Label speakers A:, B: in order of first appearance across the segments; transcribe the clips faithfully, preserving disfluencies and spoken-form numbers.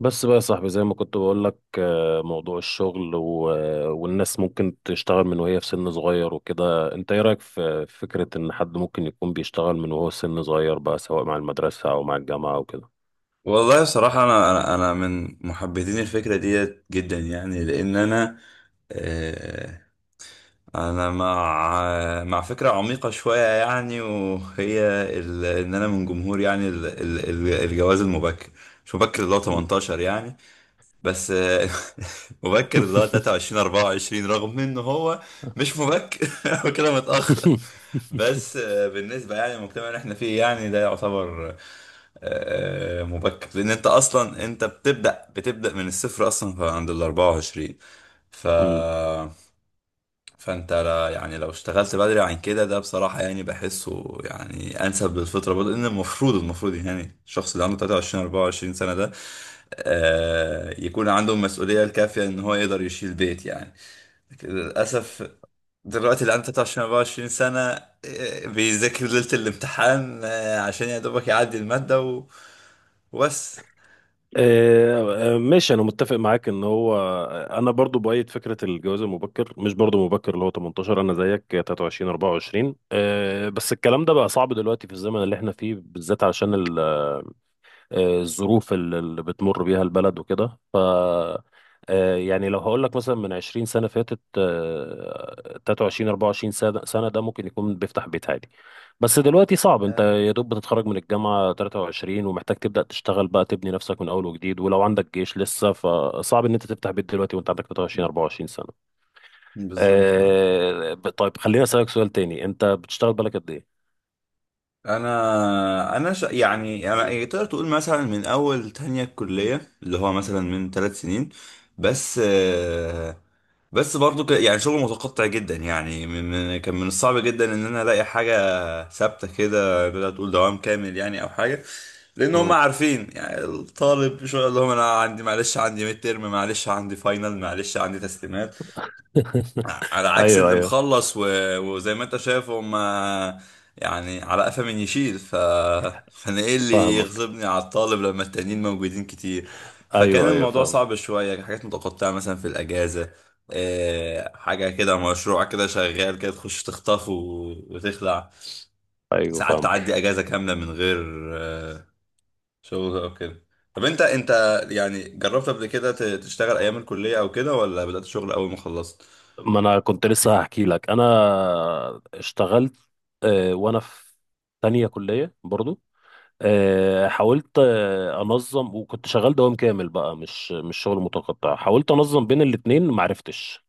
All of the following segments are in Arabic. A: بس بقى يا صاحبي، زي ما كنت بقول لك، آه، موضوع الشغل و- آه، والناس ممكن تشتغل من وهي في سن صغير وكده. انت ايه رايك في في فكرة ان حد ممكن يكون بيشتغل من وهو سن صغير بقى، سواء مع المدرسة او مع الجامعة او كده؟
B: والله بصراحة، أنا أنا أنا من محبذين الفكرة ديت جدا يعني، لأن أنا آه، أنا مع مع فكرة عميقة شوية يعني، وهي ال... إن أنا من جمهور يعني ال... ال... ال- الجواز المبكر، مش مبكر اللي هو
A: مم.
B: تمنتاشر يعني. بس آه، مبكر اللي هو تلاتة وعشرين اربعة وعشرين، رغم انه هو مش مبكر هو كده متأخر. بس آه، بالنسبة يعني للمجتمع اللي احنا فيه، يعني ده يعتبر آه، مبكر، لان انت اصلا انت بتبدأ بتبدأ من الصفر اصلا عند ال اربعة وعشرين. ف
A: مم.
B: فانت لا- يعني لو اشتغلت بدري عن كده، ده بصراحة يعني بحسه يعني انسب للفطرة برضه، لان المفروض المفروض يعني الشخص اللي عنده تلاتة وعشرين أربعة وعشرون سنة ده، آه يكون عنده المسؤولية الكافية ان هو يقدر يشيل بيت يعني. لكن للأسف، دلوقتي اللي عنده تلاتة وعشرين اربعة وعشرين سنة آه، بيذاكر ليلة الامتحان آه، عشان يا دوبك يعدي المادة و- وبس.
A: آه، آه، ماشي، انا متفق معاك ان هو. انا برضو بأيد فكرة الجواز المبكر، مش برضو مبكر اللي هو تمنتاشر، انا زيك تلاتة وعشرين اربعة وعشرين. آه، بس الكلام ده بقى صعب دلوقتي في الزمن اللي احنا فيه بالذات، عشان ال آه، الظروف ال- اللي بتمر بيها البلد وكده. ف آه، يعني لو هقول لك مثلا من عشرين سنة فاتت، آه، تلاتة وعشرين اربعة وعشرين سنة سنة ده ممكن يكون بيفتح بيت عادي. بس دلوقتي صعب، انت
B: آه،
A: يا دوب بتتخرج من الجامعة تلاتة وعشرين ومحتاج تبدأ تشتغل بقى، تبني نفسك من اول وجديد، ولو عندك جيش لسه فصعب ان انت تفتح بيت دلوقتي وانت عندك تلاتة وعشرين اربعة وعشرين سنة.
B: بالظبط.
A: آه، ب- طيب، خليني أسألك سؤال تاني، انت بتشتغل بالك قد ايه؟
B: انا انا ش... يعني انا تقدر تقول مثلا من اول تانية الكلية، اللي هو مثلا من ثلاث سنين، بس آه، بس برضو، ك... يعني شغل متقطع جدا يعني، من... من- كان من الصعب جدا ان انا الاقي حاجة ثابتة كده تقدر تقول دوام كامل يعني، او حاجة. لان هم
A: مم.
B: عارفين يعني الطالب، شو اللي هم. انا عندي، معلش عندي ميد ترم، معلش عندي فاينل، معلش عندي تسليمات، على عكس
A: ايوه،
B: اللي
A: ايوه،
B: مخلص و... وزي ما انت شايف هم يعني على قفا من يشيل. ف... فانا ايه اللي
A: فاهمك.
B: يغضبني على الطالب لما التانيين موجودين كتير. فكان
A: ايوه، ايوه،
B: الموضوع
A: فاهم.
B: صعب شوية، حاجات متقطعة مثلا في الأجازة، إيه حاجة كده، مشروع كده، شغال كده، تخش تخطف و... وتخلع.
A: ايوه،
B: ساعات
A: فاهم.
B: تعدي أجازة كاملة من غير آه، شغل أو كده. طب، انت انت يعني جربت قبل كده ت- تشتغل أيام الكلية أو كده، ولا بدأت شغل أول ما خلصت؟
A: ما انا كنت لسه هحكي لك. انا اشتغلت آه، وانا في تانية كلية برضو. آه، حاولت آه، انظم، وكنت شغال دوام كامل بقى، مش مش شغل متقطع. حاولت انظم بين الاتنين معرفتش.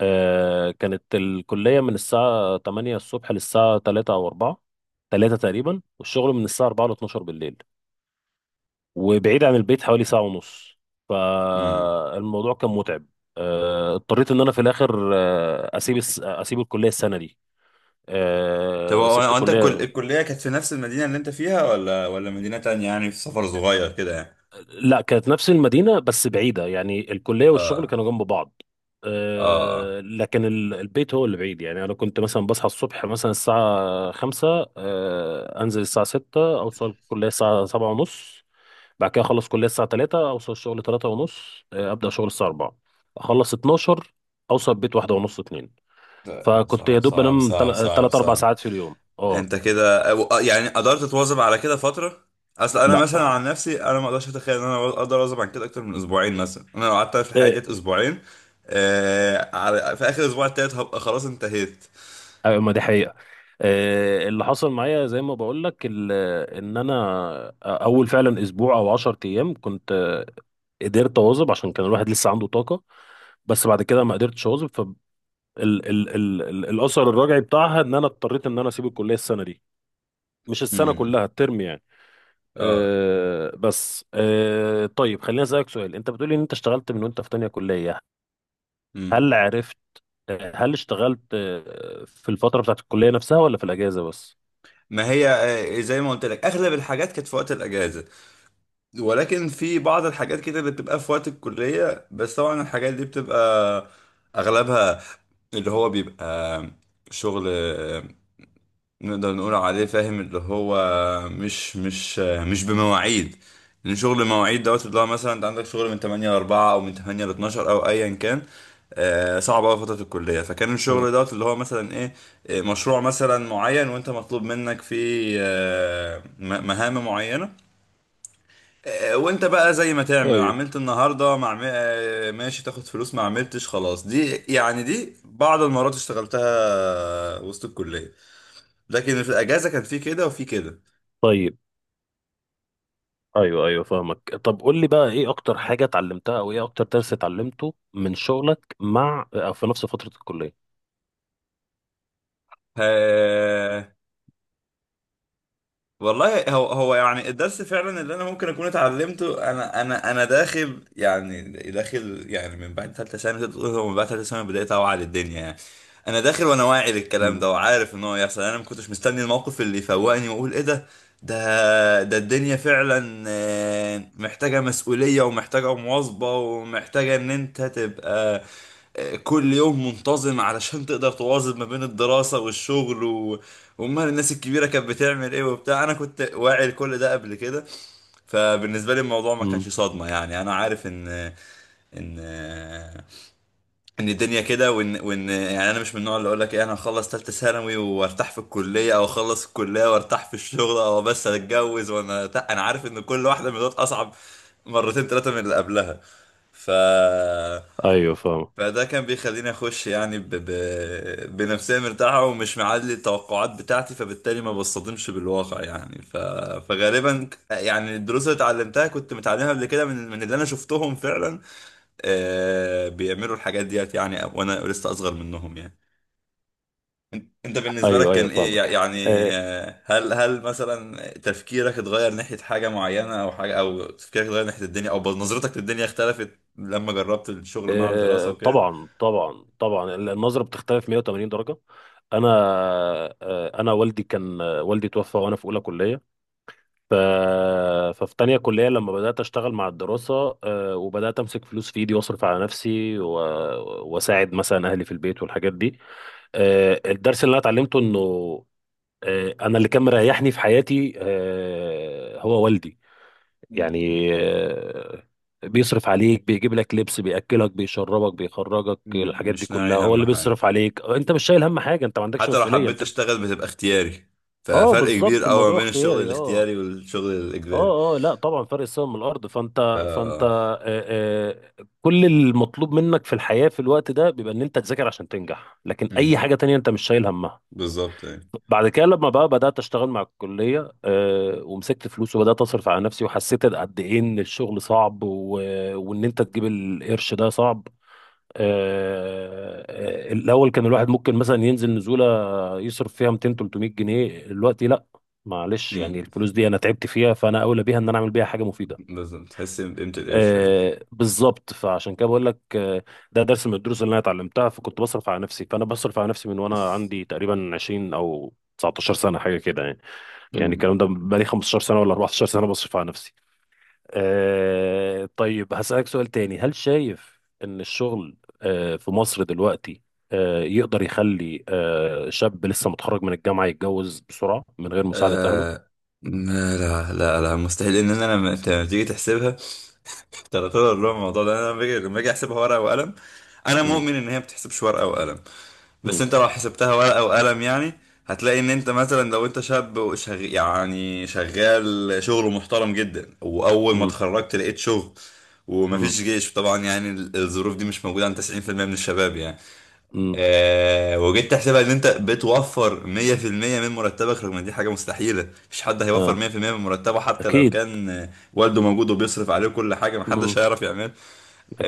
A: آه، كانت الكلية من الساعة تمانية الصبح للساعة تلاتة او اربعة، تلاتة تقريبا، والشغل من الساعة اربعة ل اتناشر بالليل، وبعيد عن البيت حوالي ساعة ونص. فالموضوع كان متعب. آه، اضطريت ان انا في الاخر آه، اسيب الس- اسيب الكلية السنة دي.
B: طب،
A: آه،
B: هو
A: سبت
B: هو انت الكل...
A: الكلية.
B: الكلية كانت في نفس المدينة اللي انت فيها، ولا ولا مدينة تانية، يعني في سفر صغير كده يعني.
A: لا، كانت نفس المدينة بس بعيدة يعني، الكلية والشغل
B: اه،
A: كانوا جنب بعض.
B: اه، اه.
A: آه، لكن ال- البيت هو اللي بعيد يعني. أنا كنت مثلا بصحى الصبح مثلا الساعة خمسة، آه، أنزل الساعة ستة، أوصل الكلية الساعة سبعة ونص. بعد كده اخلص كليه الساعه تلاتة، اوصل الشغل تلاتة ونص، آه، ابدا شغل الساعه اربعة، اخلص اثنا عشر، اوصل البيت واحدة ونص اتنين.
B: ده
A: فكنت يا
B: صعب
A: دوب
B: صعب
A: بنام
B: صعب صعب
A: تلاتة اربعة
B: صعب.
A: ساعات في اليوم. اه.
B: انت كده، أو- آه، يعني قدرت تواظب على كده فترة؟ اصل انا مثلا
A: لا.
B: عن نفسي، انا ما اقدرش اتخيل ان انا اقدر اواظب عن كده اكتر من اسبوعين مثلا. انا لو قعدت في الحياة
A: آه،
B: ديت اسبوعين، آه على... في اخر اسبوع التالت هبقى خلاص انتهيت.
A: آه، ما دي حقيقه. آه، اللي حصل معايا زي ما بقول لك، ال- ان انا اول فعلا اسبوع او عشرة ايام كنت آه، قدرت اواظب عشان كان الواحد لسه عنده طاقه. بس بعد كده ما قدرتش اواظب. فال ال ال ال الاثر الراجعي بتاعها ان انا اضطريت ان انا اسيب الكليه السنه دي، مش السنه
B: امم.
A: كلها، الترم يعني.
B: اه.
A: أه بس أه طيب، خليني اسالك سؤال، انت بتقولي ان انت اشتغلت من وانت في تانية كلية.
B: امم.
A: هل عرفت هل اشتغلت أه، في الفترة بتاعت الكلية نفسها، ولا في الاجازة بس؟
B: ما هي آه، زي ما قلت لك، اغلب الحاجات كانت في وقت الاجازة، ولكن في بعض الحاجات كده اللي بتبقى في وقت الكلية، بس طبعا الحاجات دي بتبقى أغلبها، اللي هو بيبقى شغل آه، نقدر نقول عليه، فاهم، اللي هو مش مش آه، مش بمواعيد، لأن شغل مواعيد دوت، اللي هو مثلا أنت عندك شغل من تمانية ل اربعة أو من تمانية ل اثنا عشر أو أيا كان، آه، صعب أوي فترة الكلية، فكان
A: مم.
B: الشغل دوت اللي هو مثلا إيه، آه، مشروع مثلا معين وأنت مطلوب منك فيه آه، م- مهام معينة، وانت بقى زي ما تعمل،
A: ايوه،
B: عملت النهارده مع، ماشي، تاخد فلوس، ما عملتش خلاص. دي يعني دي بعض المرات اشتغلتها وسط الكليه، لكن في الاجازه كان في كده وفي كده.
A: طيب. ايوه، ايوه، فاهمك. طب قول لي بقى، ايه اكتر حاجة اتعلمتها، او ايه اكتر درس اتعلمته من شغلك مع أو في نفس فترة الكلية؟
B: ها، والله، هو هو يعني الدرس فعلا اللي انا ممكن اكون اتعلمته. انا انا انا داخل يعني، داخل يعني، من بعد ثالثه ثانوي تقدر تقول، هو من بعد ثالثه ثانوي بدات اوعى للدنيا يعني. انا داخل وانا واعي للكلام
A: امم.
B: ده، وعارف ان هو يحصل، انا ما كنتش مستني الموقف اللي يفوقني واقول ايه ده. ده ده الدنيا فعلا آه، محتاجه مسؤوليه ومحتاجه مواظبه ومحتاجه ان انت تبقى كل يوم منتظم علشان تقدر تواظب ما بين الدراسة والشغل، و... وأمال الناس الكبيرة كانت بتعمل إيه وبتاع. أنا كنت واعي لكل ده قبل كده، فبالنسبة لي الموضوع ما كانش
A: امم.
B: صدمة يعني. أنا عارف إن إن إن الدنيا كده، وإن وإن يعني أنا مش من النوع اللي أقول لك إيه، أنا هخلص تالتة ثانوي وأرتاح في الكلية، أو أخلص الكلية وأرتاح في الشغل، أو بس أتجوز وأنا أرتاح. أنا عارف إن كل واحدة من دول أصعب مرتين ثلاثة من اللي قبلها. ف
A: ايوه، فاهمك.
B: فده كان بيخليني اخش يعني ب... ب... بنفسيه مرتاحه ومش معلي التوقعات بتاعتي، فبالتالي ما بصطدمش بالواقع يعني. ف... فغالبا، ك- يعني الدروس اللي اتعلمتها كنت متعلمها قبل كده من من اللي انا شفتهم فعلا، آه... بيعملوا الحاجات ديت يعني وانا لسه اصغر منهم يعني. انت بالنسبه لك
A: ايوه، ايوه،
B: كان ايه
A: فاهمك.
B: يعني، آه، هل هل مثلا تفكيرك اتغير ناحيه حاجه معينه، او حاجه، او تفكيرك اتغير ناحيه الدنيا، او نظرتك للدنيا اختلفت لما جربت الشغل مع الدراسه؟
A: آه، طبعا، طبعا، طبعا، النظرة بتختلف مية وتمانين درجة. انا آه، انا والدي كان، آه، والدي توفى وانا في اولى كلية. ف... ففي تانية كلية لما بدأت اشتغل مع الدراسة، آه، وبدأت امسك فلوس في ايدي واصرف على نفسي و... واساعد مثلا اهلي في البيت والحاجات دي. آه، الدرس اللي انا اتعلمته انه آه، انا اللي كان مريحني في حياتي آه، هو والدي.
B: وكده.
A: يعني آه، بيصرف عليك، بيجيب لك لبس، بياكلك، بيشربك، بيخرجك،
B: م-
A: الحاجات دي
B: مش
A: كلها
B: ناعي
A: هو
B: هم
A: اللي
B: حاجة،
A: بيصرف عليك. آه، انت مش شايل هم حاجه، انت ما عندكش
B: حتى لو
A: مسؤوليه
B: حبيت
A: انت.
B: اشتغل بتبقى اختياري،
A: اه،
B: ففرق كبير
A: بالظبط،
B: قوي ما
A: الموضوع
B: بين الشغل
A: اختياري. اه.
B: الاختياري والشغل الاجباري.
A: اه، اه. لا، طبعا، فرق السما من الارض.
B: ف
A: فانت فانت آه آه كل المطلوب منك في الحياه في الوقت ده بيبقى ان انت تذاكر عشان تنجح، لكن اي
B: مم.
A: حاجه تانية انت مش شايل همها.
B: بالظبط يعني.
A: بعد كده لما بقى بدأت أشتغل مع الكلية، آه، ومسكت فلوس وبدأت أصرف على نفسي، وحسيت قد إيه إن الشغل صعب و... وإن أنت تجيب القرش ده صعب. آه، آه، الأول كان الواحد ممكن مثلا ينزل نزولة يصرف فيها ميتين تلتمية جنيه. دلوقتي لأ، معلش، يعني
B: مم.
A: الفلوس دي أنا تعبت فيها، فأنا أولى بيها إن أنا أعمل بيها حاجة مفيدة.
B: بالظبط، تحس بقيمة القرش يعني.
A: آه بالظبط، فعشان كده بقول لك، آه ده درس من الدروس اللي انا اتعلمتها. فكنت بصرف على نفسي، فانا بصرف على نفسي من وانا عندي تقريبا عشرين او تسعة عشر سنه، حاجه كده يعني. يعني
B: مم.
A: الكلام ده بقالي خمسة عشر سنه ولا اربعة عشر سنه بصرف على نفسي. آه طيب، هسألك سؤال تاني. هل شايف ان الشغل آه في مصر دلوقتي آه يقدر يخلي آه شاب لسه متخرج من الجامعه يتجوز بسرعه من غير مساعده اهله؟
B: آه... لا، لا، لا، لا، مستحيل. ان انا لما أنت لما تيجي تحسبها، ترى طول الرعب الموضوع ده، انا لما باجي لما باجي احسبها ورقه وقلم. انا
A: امم.
B: مؤمن ان هي ما بتحسبش ورقه وقلم، بس
A: امم.
B: انت لو حسبتها ورقة وقلم يعني، هتلاقي ان انت مثلا، لو انت شاب وشغ... يعني شغال شغل محترم جدا، واول ما
A: امم.
B: اتخرجت لقيت شغل، ومفيش جيش طبعا، يعني ال- الظروف دي مش موجودة عند تسعين في المية من الشباب يعني.
A: امم.
B: آه وجيت تحسبها ان انت بتوفر مئة في المئة من مرتبك، رغم ان دي حاجة مستحيلة، مفيش حد هيوفر
A: اه،
B: مئة في المئة من مرتبه، حتى لو
A: اكيد.
B: كان آه، والده موجود وبيصرف عليه كل حاجة، محدش
A: امم.
B: هيعرف.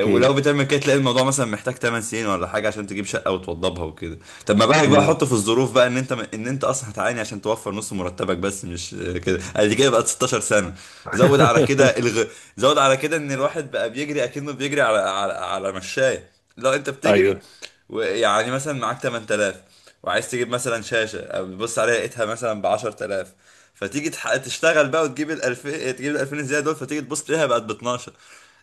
B: ولو بتعمل كده، تلاقي الموضوع مثلا محتاج ثماني سنين ولا حاجه عشان تجيب شقه وتوضبها وكده. طب ما بالك بقى،
A: امم.
B: حط في الظروف بقى ان انت ان انت اصلا هتعاني عشان توفر نص مرتبك بس، مش كده. ادي كده بقت ستاشر سنه. زود على كده الغ... زود على كده، ان الواحد بقى بيجري اكنه بيجري على على, على مشاية. لو انت بتجري،
A: ايوه،
B: ويعني مثلا معاك ثمانية آلاف، وعايز تجيب مثلا شاشه، أو بتبص عليها لقيتها مثلا ب عشرتلاف، فتيجي تح- تشتغل بقى وتجيب ال ألفين، تجيب ال ألفين زياده دول، فتيجي تبص تلاقيها بقت ب اتناشر.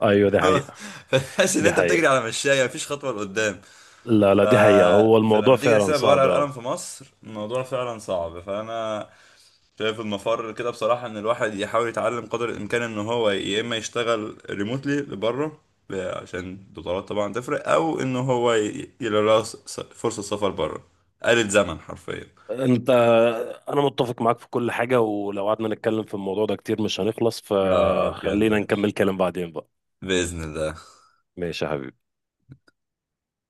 A: ايوه. دي حقيقة.
B: فتحس ان
A: دي
B: انت بتجري
A: حقيقة.
B: على مشاية، مفيش خطوة لقدام.
A: لا،
B: ف...
A: لا، دي حقيقة. هو الموضوع
B: فلما تيجي
A: فعلا
B: تحسبها بورقة
A: صعب اهو.
B: القلم في مصر، الموضوع فعلا صعب. فانا شايف المفر كده بصراحة، ان الواحد يحاول يتعلم قدر الامكان، ان هو يا اما يشتغل ريموتلي لبره عشان الدولارات طبعا تفرق، او ان هو ي- يلاقي له س- فرصة سفر بره. آلة زمن حرفيا.
A: انت انا متفق معاك في كل حاجة، ولو قعدنا نتكلم في الموضوع ده كتير مش هنخلص،
B: اه، آه،
A: فخلينا
B: بجد.
A: نكمل كلام بعدين بقى.
B: بإذن الله.
A: ماشي يا حبيبي.